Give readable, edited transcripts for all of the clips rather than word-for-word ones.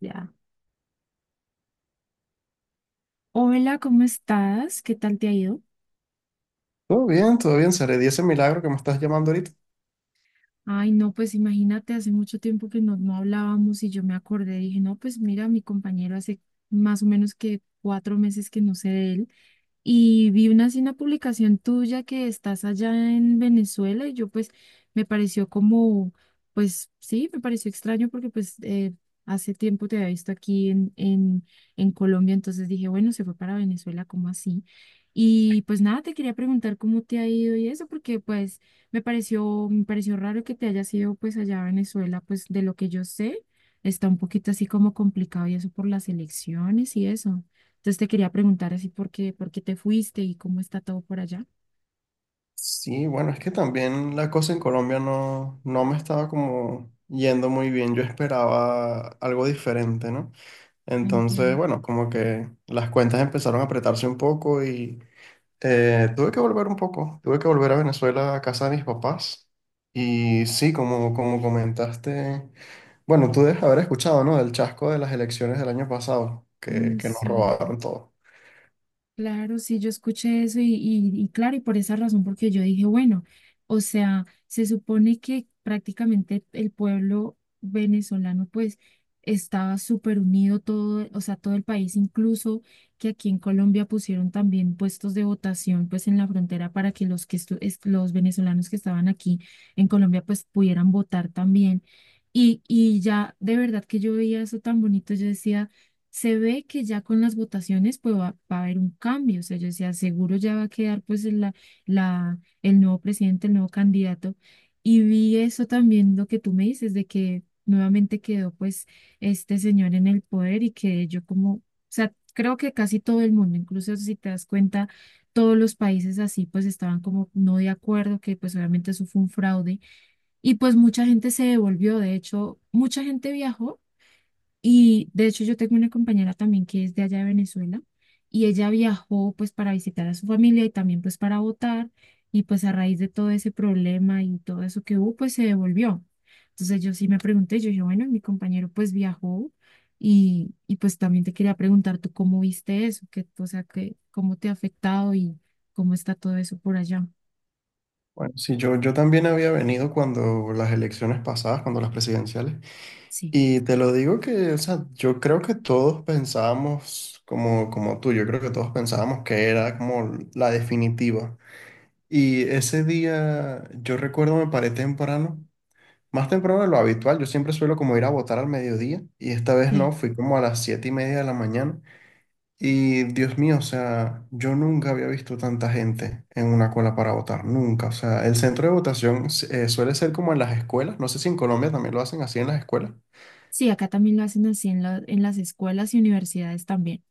Ya. Hola, ¿cómo estás? ¿Qué tal te ha ido? Todo bien, Sare. Y ese milagro que me estás llamando ahorita. Ay, no, pues imagínate, hace mucho tiempo que no hablábamos y yo me acordé, dije, no, pues mira, mi compañero hace más o menos que 4 meses que no sé de él. Y vi así una publicación tuya que estás allá en Venezuela y yo pues me pareció como, pues sí, me pareció extraño porque pues hace tiempo te había visto aquí en Colombia, entonces dije, bueno, se fue para Venezuela, ¿cómo así? Y pues nada, te quería preguntar cómo te ha ido y eso, porque pues me pareció raro que te hayas ido pues allá a Venezuela, pues de lo que yo sé, está un poquito así como complicado y eso por las elecciones y eso. Entonces te quería preguntar así por qué te fuiste y cómo está todo por allá. Sí, bueno, es que también la cosa en Colombia no me estaba como yendo muy bien. Yo esperaba algo diferente, ¿no? Entonces, Entiendo. bueno, como que las cuentas empezaron a apretarse un poco y tuve que volver un poco. Tuve que volver a Venezuela, a casa de mis papás. Y sí, como comentaste, bueno, tú debes haber escuchado, ¿no? Del chasco de las elecciones del año pasado, Ay, que nos sí. robaron todo. Claro, sí, yo escuché eso y claro, y por esa razón, porque yo dije, bueno, o sea, se supone que prácticamente el pueblo venezolano pues estaba súper unido todo, o sea, todo el país, incluso que aquí en Colombia pusieron también puestos de votación pues en la frontera para que los que los venezolanos que estaban aquí en Colombia pues pudieran votar también. Y ya de verdad que yo veía eso tan bonito, yo decía se ve que ya con las votaciones pues va a haber un cambio, o sea, yo decía, seguro ya va a quedar pues el nuevo presidente, el nuevo candidato. Y vi eso también, lo que tú me dices, de que nuevamente quedó pues este señor en el poder y que o sea, creo que casi todo el mundo, incluso si te das cuenta, todos los países así pues estaban como no de acuerdo, que pues obviamente eso fue un fraude. Y pues mucha gente se devolvió, de hecho, mucha gente viajó y de hecho yo tengo una compañera también que es de allá de Venezuela y ella viajó pues para visitar a su familia y también pues para votar y pues a raíz de todo ese problema y todo eso que hubo pues se devolvió. Entonces yo sí me pregunté, yo dije, bueno, mi compañero pues viajó y pues también te quería preguntar tú cómo viste eso, o sea, cómo te ha afectado y cómo está todo eso por allá. Bueno, sí, yo también había venido cuando las elecciones pasadas, cuando las presidenciales, Sí. y te lo digo que, o sea, yo creo que todos pensábamos como tú. Yo creo que todos pensábamos que era como la definitiva. Y ese día, yo recuerdo, me paré temprano, más temprano de lo habitual. Yo siempre suelo como ir a votar al mediodía, y esta vez no, Sí, fui como a las 7:30 de la mañana. Y Dios mío, o sea, yo nunca había visto tanta gente en una cola para votar, nunca. O sea, el centro de votación suele ser como en las escuelas. No sé si en Colombia también lo hacen así en las escuelas. sí, acá también lo hacen así en las escuelas y universidades también.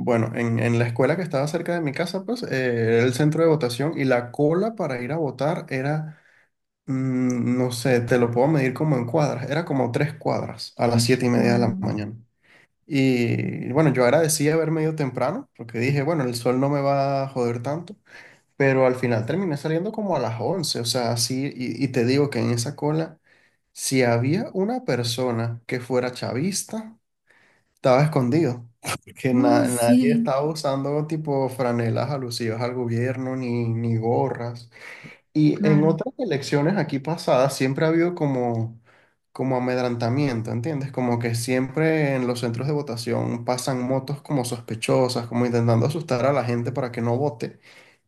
Bueno, en la escuela que estaba cerca de mi casa, pues, era el centro de votación, y la cola para ir a votar era, no sé, te lo puedo medir como en cuadras. Era como 3 cuadras a las 7:30 de la Wow. mañana. Y bueno, yo agradecí haberme ido temprano porque dije, bueno, el sol no me va a joder tanto. Pero al final terminé saliendo como a las 11, o sea, así, y te digo que en esa cola, si había una persona que fuera chavista, estaba escondido, porque Oh, nadie sí. estaba usando tipo franelas alusivas al gobierno ni gorras. Y en Claro. otras elecciones aquí pasadas siempre ha habido como amedrantamiento, ¿entiendes? Como que siempre en los centros de votación pasan motos como sospechosas, como intentando asustar a la gente para que no vote.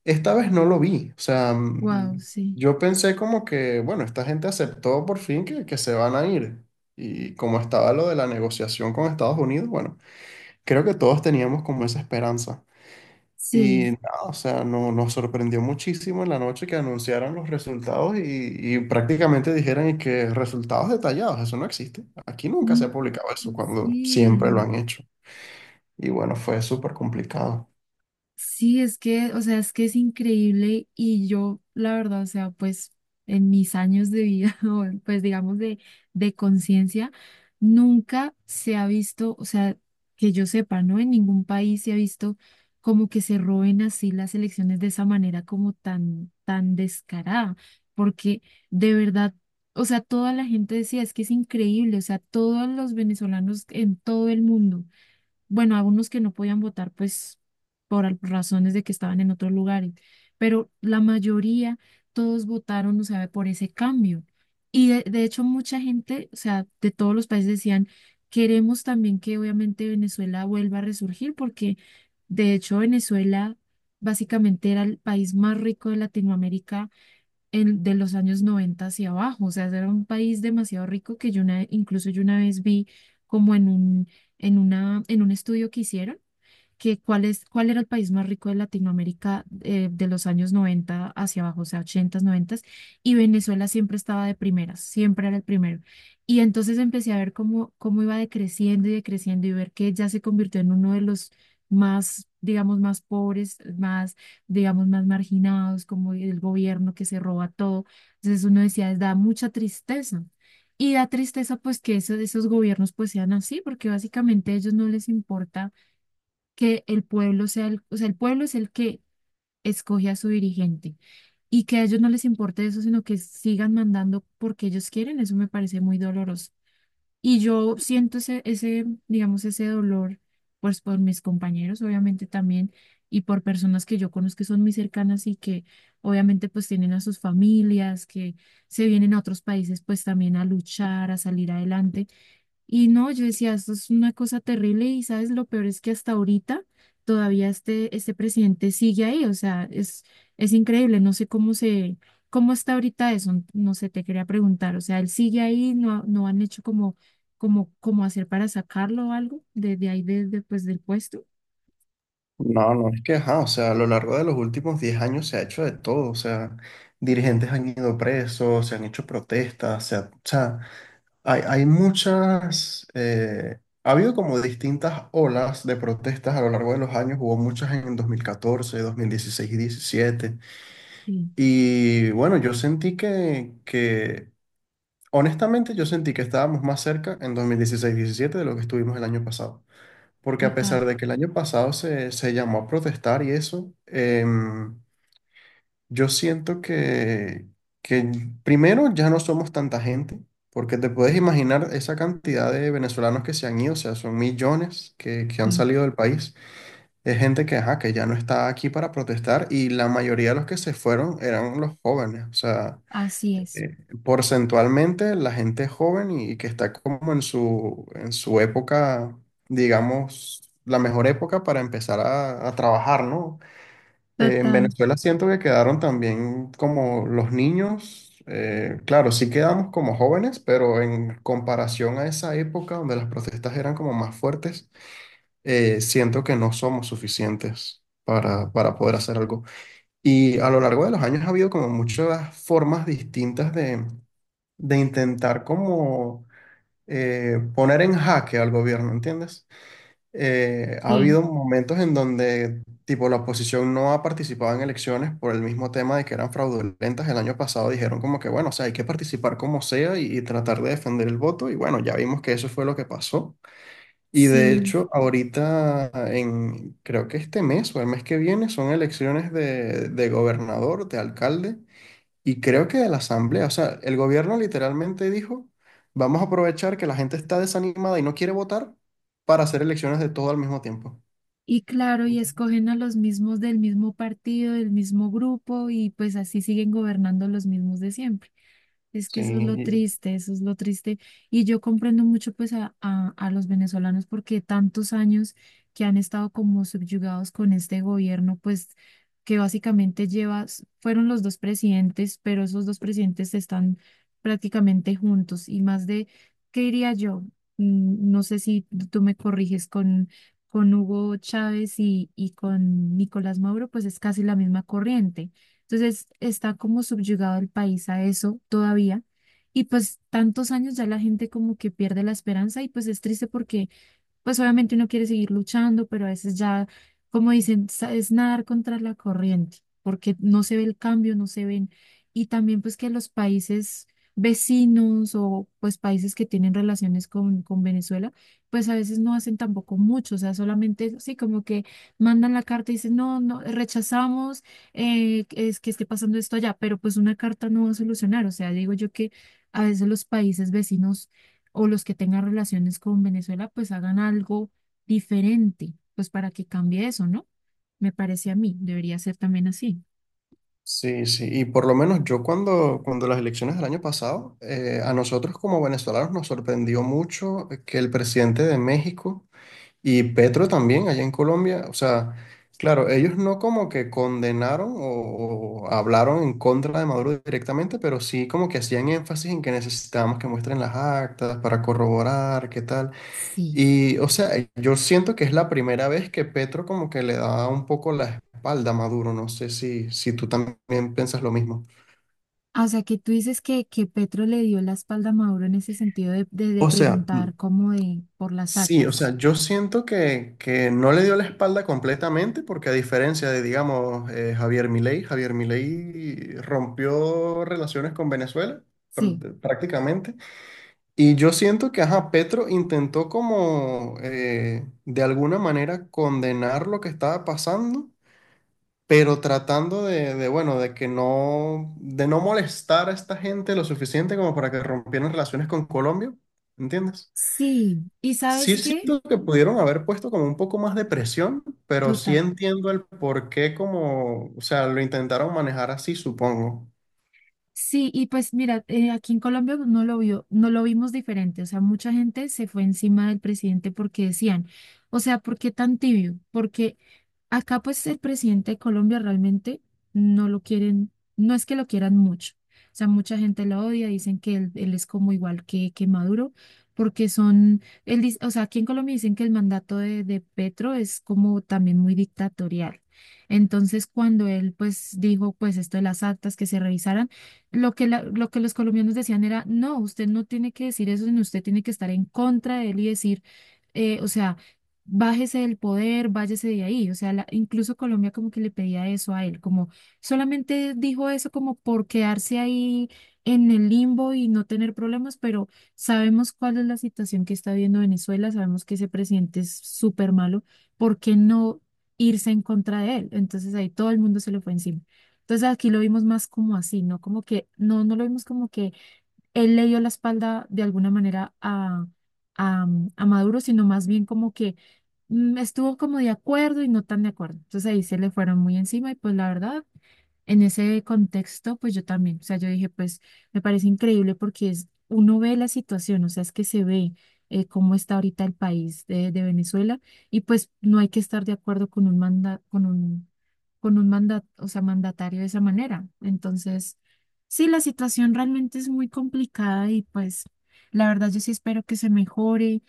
Esta vez no lo vi, o sea, Wow. Sí, yo pensé como que, bueno, esta gente aceptó por fin que se van a ir. Y como estaba lo de la negociación con Estados Unidos, bueno, creo que todos teníamos como esa esperanza. sí. Y nada, o sea, no, nos sorprendió muchísimo en la noche que anunciaran los resultados y prácticamente dijeran y que resultados detallados, eso no existe. Aquí nunca se ha Mm. publicado eso cuando siempre lo Sí. han hecho. Y bueno, fue súper complicado. Sí, es que, o sea, es que es increíble y yo, la verdad, o sea, pues en mis años de vida, o pues digamos de, conciencia, nunca se ha visto, o sea, que yo sepa, ¿no? En ningún país se ha visto como que se roben así las elecciones de esa manera como tan, tan descarada, porque de verdad, o sea, toda la gente decía, es que es increíble, o sea, todos los venezolanos en todo el mundo bueno, algunos que no podían votar, pues razones de que estaban en otros lugares, pero la mayoría, todos votaron, o sea, por ese cambio. Y de hecho, mucha gente, o sea, de todos los países decían, queremos también que obviamente Venezuela vuelva a resurgir, porque de hecho Venezuela básicamente era el país más rico de Latinoamérica de los años 90 hacia abajo. O sea, era un país demasiado rico que incluso yo una vez vi como en un estudio que hicieron que cuál era el país más rico de Latinoamérica de los años 90 hacia abajo, o sea, 80, 90, y Venezuela siempre estaba de primeras, siempre era el primero. Y entonces empecé a ver cómo iba decreciendo y decreciendo y ver que ya se convirtió en uno de los más, digamos, más pobres, más, digamos, más marginados, como el gobierno que se roba todo. Entonces uno decía, da mucha tristeza. Y da tristeza pues que esos gobiernos pues sean así, porque básicamente a ellos no les importa que el pueblo sea, o sea, el pueblo es el que escoge a su dirigente y que a ellos no les importe eso, sino que sigan mandando porque ellos quieren, eso me parece muy doloroso. Y yo siento ese, digamos, ese dolor, pues por mis compañeros, obviamente también, y por personas que yo conozco que son muy cercanas y que obviamente pues tienen a sus familias, que se vienen a otros países pues también a luchar, a salir adelante. Y no, yo decía, esto es una cosa terrible y sabes, lo peor es que hasta ahorita todavía este presidente sigue ahí, o sea, es increíble, no sé cómo está ahorita eso, no sé, te quería preguntar, o sea, él sigue ahí, no han hecho como, hacer para sacarlo o algo desde ahí, desde pues, del puesto. No, no, es que, ajá, o sea, a lo largo de los últimos 10 años se ha hecho de todo. O sea, dirigentes han ido presos, se han hecho protestas, o sea, hay muchas, ha habido como distintas olas de protestas a lo largo de los años. Hubo muchas en 2014, 2016 y 17. Sí, Y bueno, yo sentí que, honestamente, yo sentí que estábamos más cerca en 2016, 17 de lo que estuvimos el año pasado. Porque a total. pesar de que el año pasado se llamó a protestar y eso, yo siento que primero ya no somos tanta gente, porque te puedes imaginar esa cantidad de venezolanos que se han ido. O sea, son millones que han Sí. salido del país. Es gente que, ajá, que ya no está aquí para protestar, y la mayoría de los que se fueron eran los jóvenes. O sea, Así es, eh, porcentualmente la gente joven y que está como en en su época, digamos, la mejor época para empezar a trabajar, ¿no? En total, Venezuela siento que quedaron también como los niños. Claro sí quedamos como jóvenes, pero en comparación a esa época donde las protestas eran como más fuertes, siento que no somos suficientes para poder hacer algo. Y a lo largo de los años ha habido como muchas formas distintas de intentar como poner en jaque al gobierno, ¿entiendes? Ha sí, habido momentos en donde, tipo, la oposición no ha participado en elecciones por el mismo tema de que eran fraudulentas. El año pasado dijeron como que, bueno, o sea, hay que participar como sea, y tratar de defender el voto. Y bueno, ya vimos que eso fue lo que pasó. Y de sí. hecho, ahorita, creo que este mes o el mes que viene, son elecciones de gobernador, de alcalde. Y creo que de la asamblea. O sea, el gobierno literalmente dijo, vamos a aprovechar que la gente está desanimada y no quiere votar, para hacer elecciones de todo al mismo tiempo. Y claro, y escogen a los mismos del mismo partido, del mismo grupo, y pues así siguen gobernando los mismos de siempre. Es que Sí, eso es lo triste, eso es lo triste. Y yo comprendo mucho pues a los venezolanos porque tantos años que han estado como subyugados con este gobierno, pues que básicamente fueron los dos presidentes, pero esos dos presidentes están prácticamente juntos y más de, ¿qué diría yo? No sé si tú me corriges con Hugo Chávez y con Nicolás Maduro, pues es casi la misma corriente. Entonces está como subyugado el país a eso todavía. Y pues tantos años ya la gente como que pierde la esperanza y pues es triste porque pues obviamente uno quiere seguir luchando, pero a veces ya, como dicen, es nadar contra la corriente, porque no se ve el cambio, no se ven. Y también pues que los países vecinos o pues países que tienen relaciones con Venezuela, pues a veces no hacen tampoco mucho, o sea, solamente sí, como que mandan la carta y dicen, no, no, rechazamos es que esté pasando esto allá, pero pues una carta no va a solucionar, o sea, digo yo que a veces los países vecinos o los que tengan relaciones con Venezuela, pues hagan algo diferente, pues para que cambie eso, ¿no? Me parece a mí, debería ser también así. sí, sí. Y por lo menos yo, cuando las elecciones del año pasado, a nosotros como venezolanos nos sorprendió mucho que el presidente de México y Petro también, allá en Colombia, o sea, claro, ellos no como que condenaron o hablaron en contra de Maduro directamente, pero sí como que hacían énfasis en que necesitábamos que muestren las actas para corroborar qué tal. Sí. Y, o sea, yo siento que es la primera vez que Petro como que le da un poco la espalda a Maduro. No sé si tú también piensas lo mismo. Ah, o sea, que tú dices que, Petro le dio la espalda a Maduro en ese sentido de O sea, preguntar como de por las sí. O actas. sea, yo siento que no le dio la espalda completamente, porque a diferencia de, digamos, Javier Milei, Javier Milei rompió relaciones con Venezuela Sí. Prácticamente. Y yo siento que, ajá, Petro intentó como de alguna manera condenar lo que estaba pasando, pero tratando bueno, de que no, de no molestar a esta gente lo suficiente como para que rompieran relaciones con Colombia, ¿entiendes? Sí, ¿y Sí, sabes qué? siento que pudieron haber puesto como un poco más de presión, pero sí Total. entiendo el por qué. Como, o sea, lo intentaron manejar así, supongo. Sí, y pues mira, aquí en Colombia no lo vimos diferente, o sea, mucha gente se fue encima del presidente porque decían, o sea, ¿por qué tan tibio? Porque acá pues el presidente de Colombia realmente no lo quieren, no es que lo quieran mucho. O sea, mucha gente lo odia, dicen que él es como igual que, Maduro, porque él dice, o sea, aquí en Colombia dicen que el mandato de Petro es como también muy dictatorial. Entonces, cuando él pues dijo pues esto de las actas que se revisaran, lo que los colombianos decían era, no, usted no tiene que decir eso, sino usted tiene que estar en contra de él y decir o sea, bájese del poder, váyase de ahí. O sea, incluso Colombia como que le pedía eso a él, como solamente dijo eso como por quedarse ahí en el limbo y no tener problemas, pero sabemos cuál es la situación que está viendo Venezuela, sabemos que ese presidente es súper malo, ¿por qué no irse en contra de él? Entonces ahí todo el mundo se le fue encima. Entonces aquí lo vimos más como así, ¿no? Como que, no, no lo vimos como que él le dio la espalda de alguna manera a, a Maduro, sino más bien como que estuvo como de acuerdo y no tan de acuerdo. Entonces ahí se le fueron muy encima y pues la verdad en ese contexto, pues yo también, o sea, yo dije, pues me parece increíble porque uno ve la situación, o sea, es que se ve cómo está ahorita el país de, Venezuela y pues no hay que estar de acuerdo con un manda, o sea, mandatario de esa manera. Entonces, sí, la situación realmente es muy complicada y pues la verdad yo sí espero que se mejore.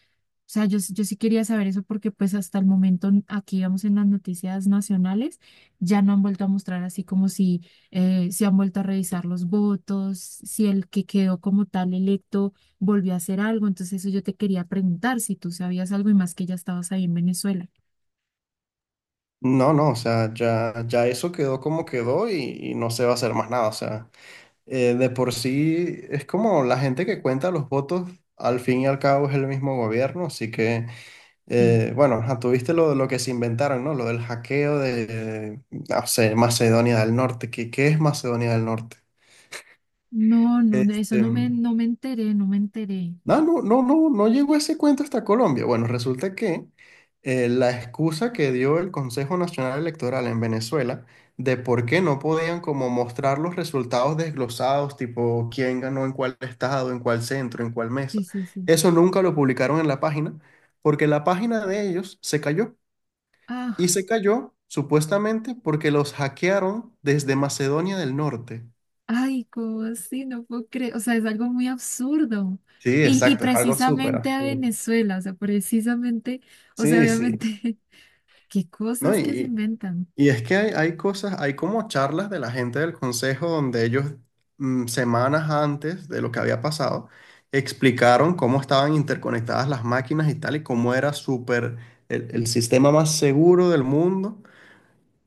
O sea, yo sí quería saber eso porque pues hasta el momento aquí vamos en las noticias nacionales ya no han vuelto a mostrar así como si se han vuelto a revisar los votos, si el que quedó como tal electo volvió a hacer algo. Entonces eso yo te quería preguntar si tú sabías algo y más que ya estabas ahí en Venezuela. No, no, o sea, ya, ya eso quedó como quedó, y no se va a hacer más nada. O sea, de por sí es como la gente que cuenta los votos. Al fin y al cabo es el mismo gobierno, así que, Sí. Bueno, ajá, tuviste lo que se inventaron, ¿no? Lo del hackeo de, no sé, Macedonia del Norte. ¿Qué es Macedonia del Norte? No, no, no, eso Este, no me enteré, no me enteré. No, no, no, no, no llegó ese cuento hasta Colombia. Bueno, resulta que la excusa que dio el Consejo Nacional Electoral en Venezuela de por qué no podían como mostrar los resultados desglosados, tipo quién ganó en cuál estado, en cuál centro, en cuál mesa. Sí, sí, sí. Eso nunca lo publicaron en la página, porque la página de ellos se cayó, y Ah, se cayó supuestamente porque los hackearon desde Macedonia del Norte. ay, ¿cómo así? No puedo creer. O sea, es algo muy absurdo. Sí, Y exacto, es algo súper precisamente a absurdo. Venezuela, o sea, precisamente, o sea, Sí, sí. obviamente, qué ¿No? cosas que se Y, inventan. Y es que hay, cosas, hay como charlas de la gente del consejo donde ellos, semanas antes de lo que había pasado, explicaron cómo estaban interconectadas las máquinas y tal, y cómo era súper el sistema más seguro del mundo.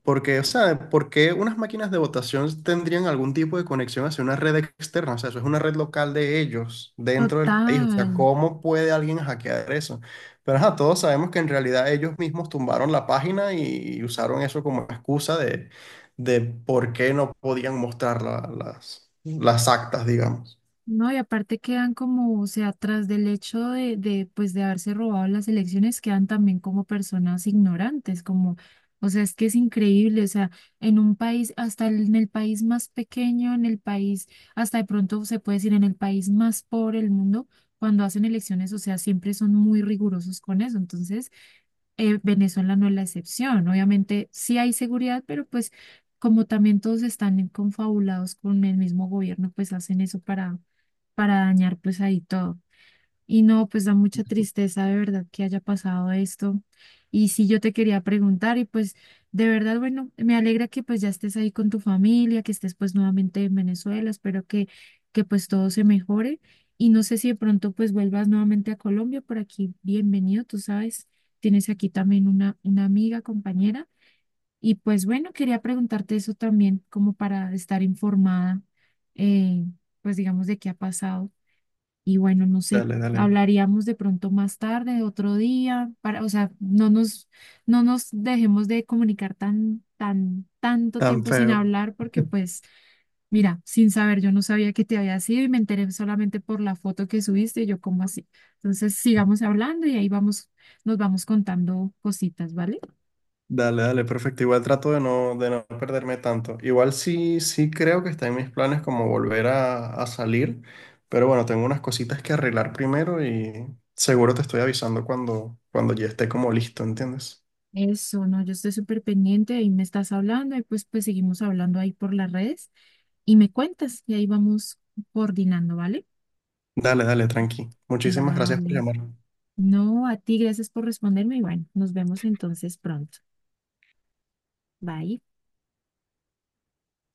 Porque, o sea, ¿por qué unas máquinas de votación tendrían algún tipo de conexión hacia una red externa? O sea, eso es una red local de ellos, dentro del país. O sea, Total. ¿cómo puede alguien hackear eso? Pero ajá, todos sabemos que en realidad ellos mismos tumbaron la página y usaron eso como excusa de por qué no podían mostrar las actas, digamos. No, y aparte quedan como, o sea, tras del hecho de haberse robado las elecciones, quedan también como personas ignorantes, como, o sea, es que es increíble, o sea, en un país, hasta en el país más pequeño, en el país, hasta de pronto se puede decir en el país más pobre del mundo, cuando hacen elecciones, o sea, siempre son muy rigurosos con eso, entonces, Venezuela no es la excepción, obviamente sí hay seguridad, pero pues, como también todos están confabulados con el mismo gobierno, pues hacen eso para dañar pues ahí todo. Y no, pues da mucha tristeza de verdad que haya pasado esto. Y sí, yo te quería preguntar y pues de verdad, bueno, me alegra que pues ya estés ahí con tu familia, que estés pues nuevamente en Venezuela, espero que pues todo se mejore. Y no sé si de pronto pues vuelvas nuevamente a Colombia, por aquí, bienvenido, tú sabes, tienes aquí también una amiga, compañera. Y pues bueno, quería preguntarte eso también, como para estar informada, eh, pues digamos, de qué ha pasado. Y bueno, no sé, Dale, dale. hablaríamos de pronto más tarde, otro día, para, o sea, no nos dejemos de comunicar tanto Tan tiempo sin feo. hablar, porque pues, mira, sin saber, yo no sabía que te había sido y me enteré solamente por la foto que subiste, y yo como así. Entonces, sigamos hablando y ahí vamos, nos vamos contando cositas, ¿vale? Dale, dale, perfecto. Igual trato de no perderme tanto. Igual sí, sí creo que está en mis planes como volver a salir, pero bueno, tengo unas cositas que arreglar primero, y seguro te estoy avisando cuando ya esté como listo, ¿entiendes? Eso, no, yo estoy súper pendiente, ahí me estás hablando, y pues, seguimos hablando ahí por las redes y me cuentas, y ahí vamos coordinando, ¿vale? Dale, dale, tranqui. Muchísimas gracias por Vale. llamar. No, a ti, gracias por responderme y bueno, nos vemos entonces pronto. Bye.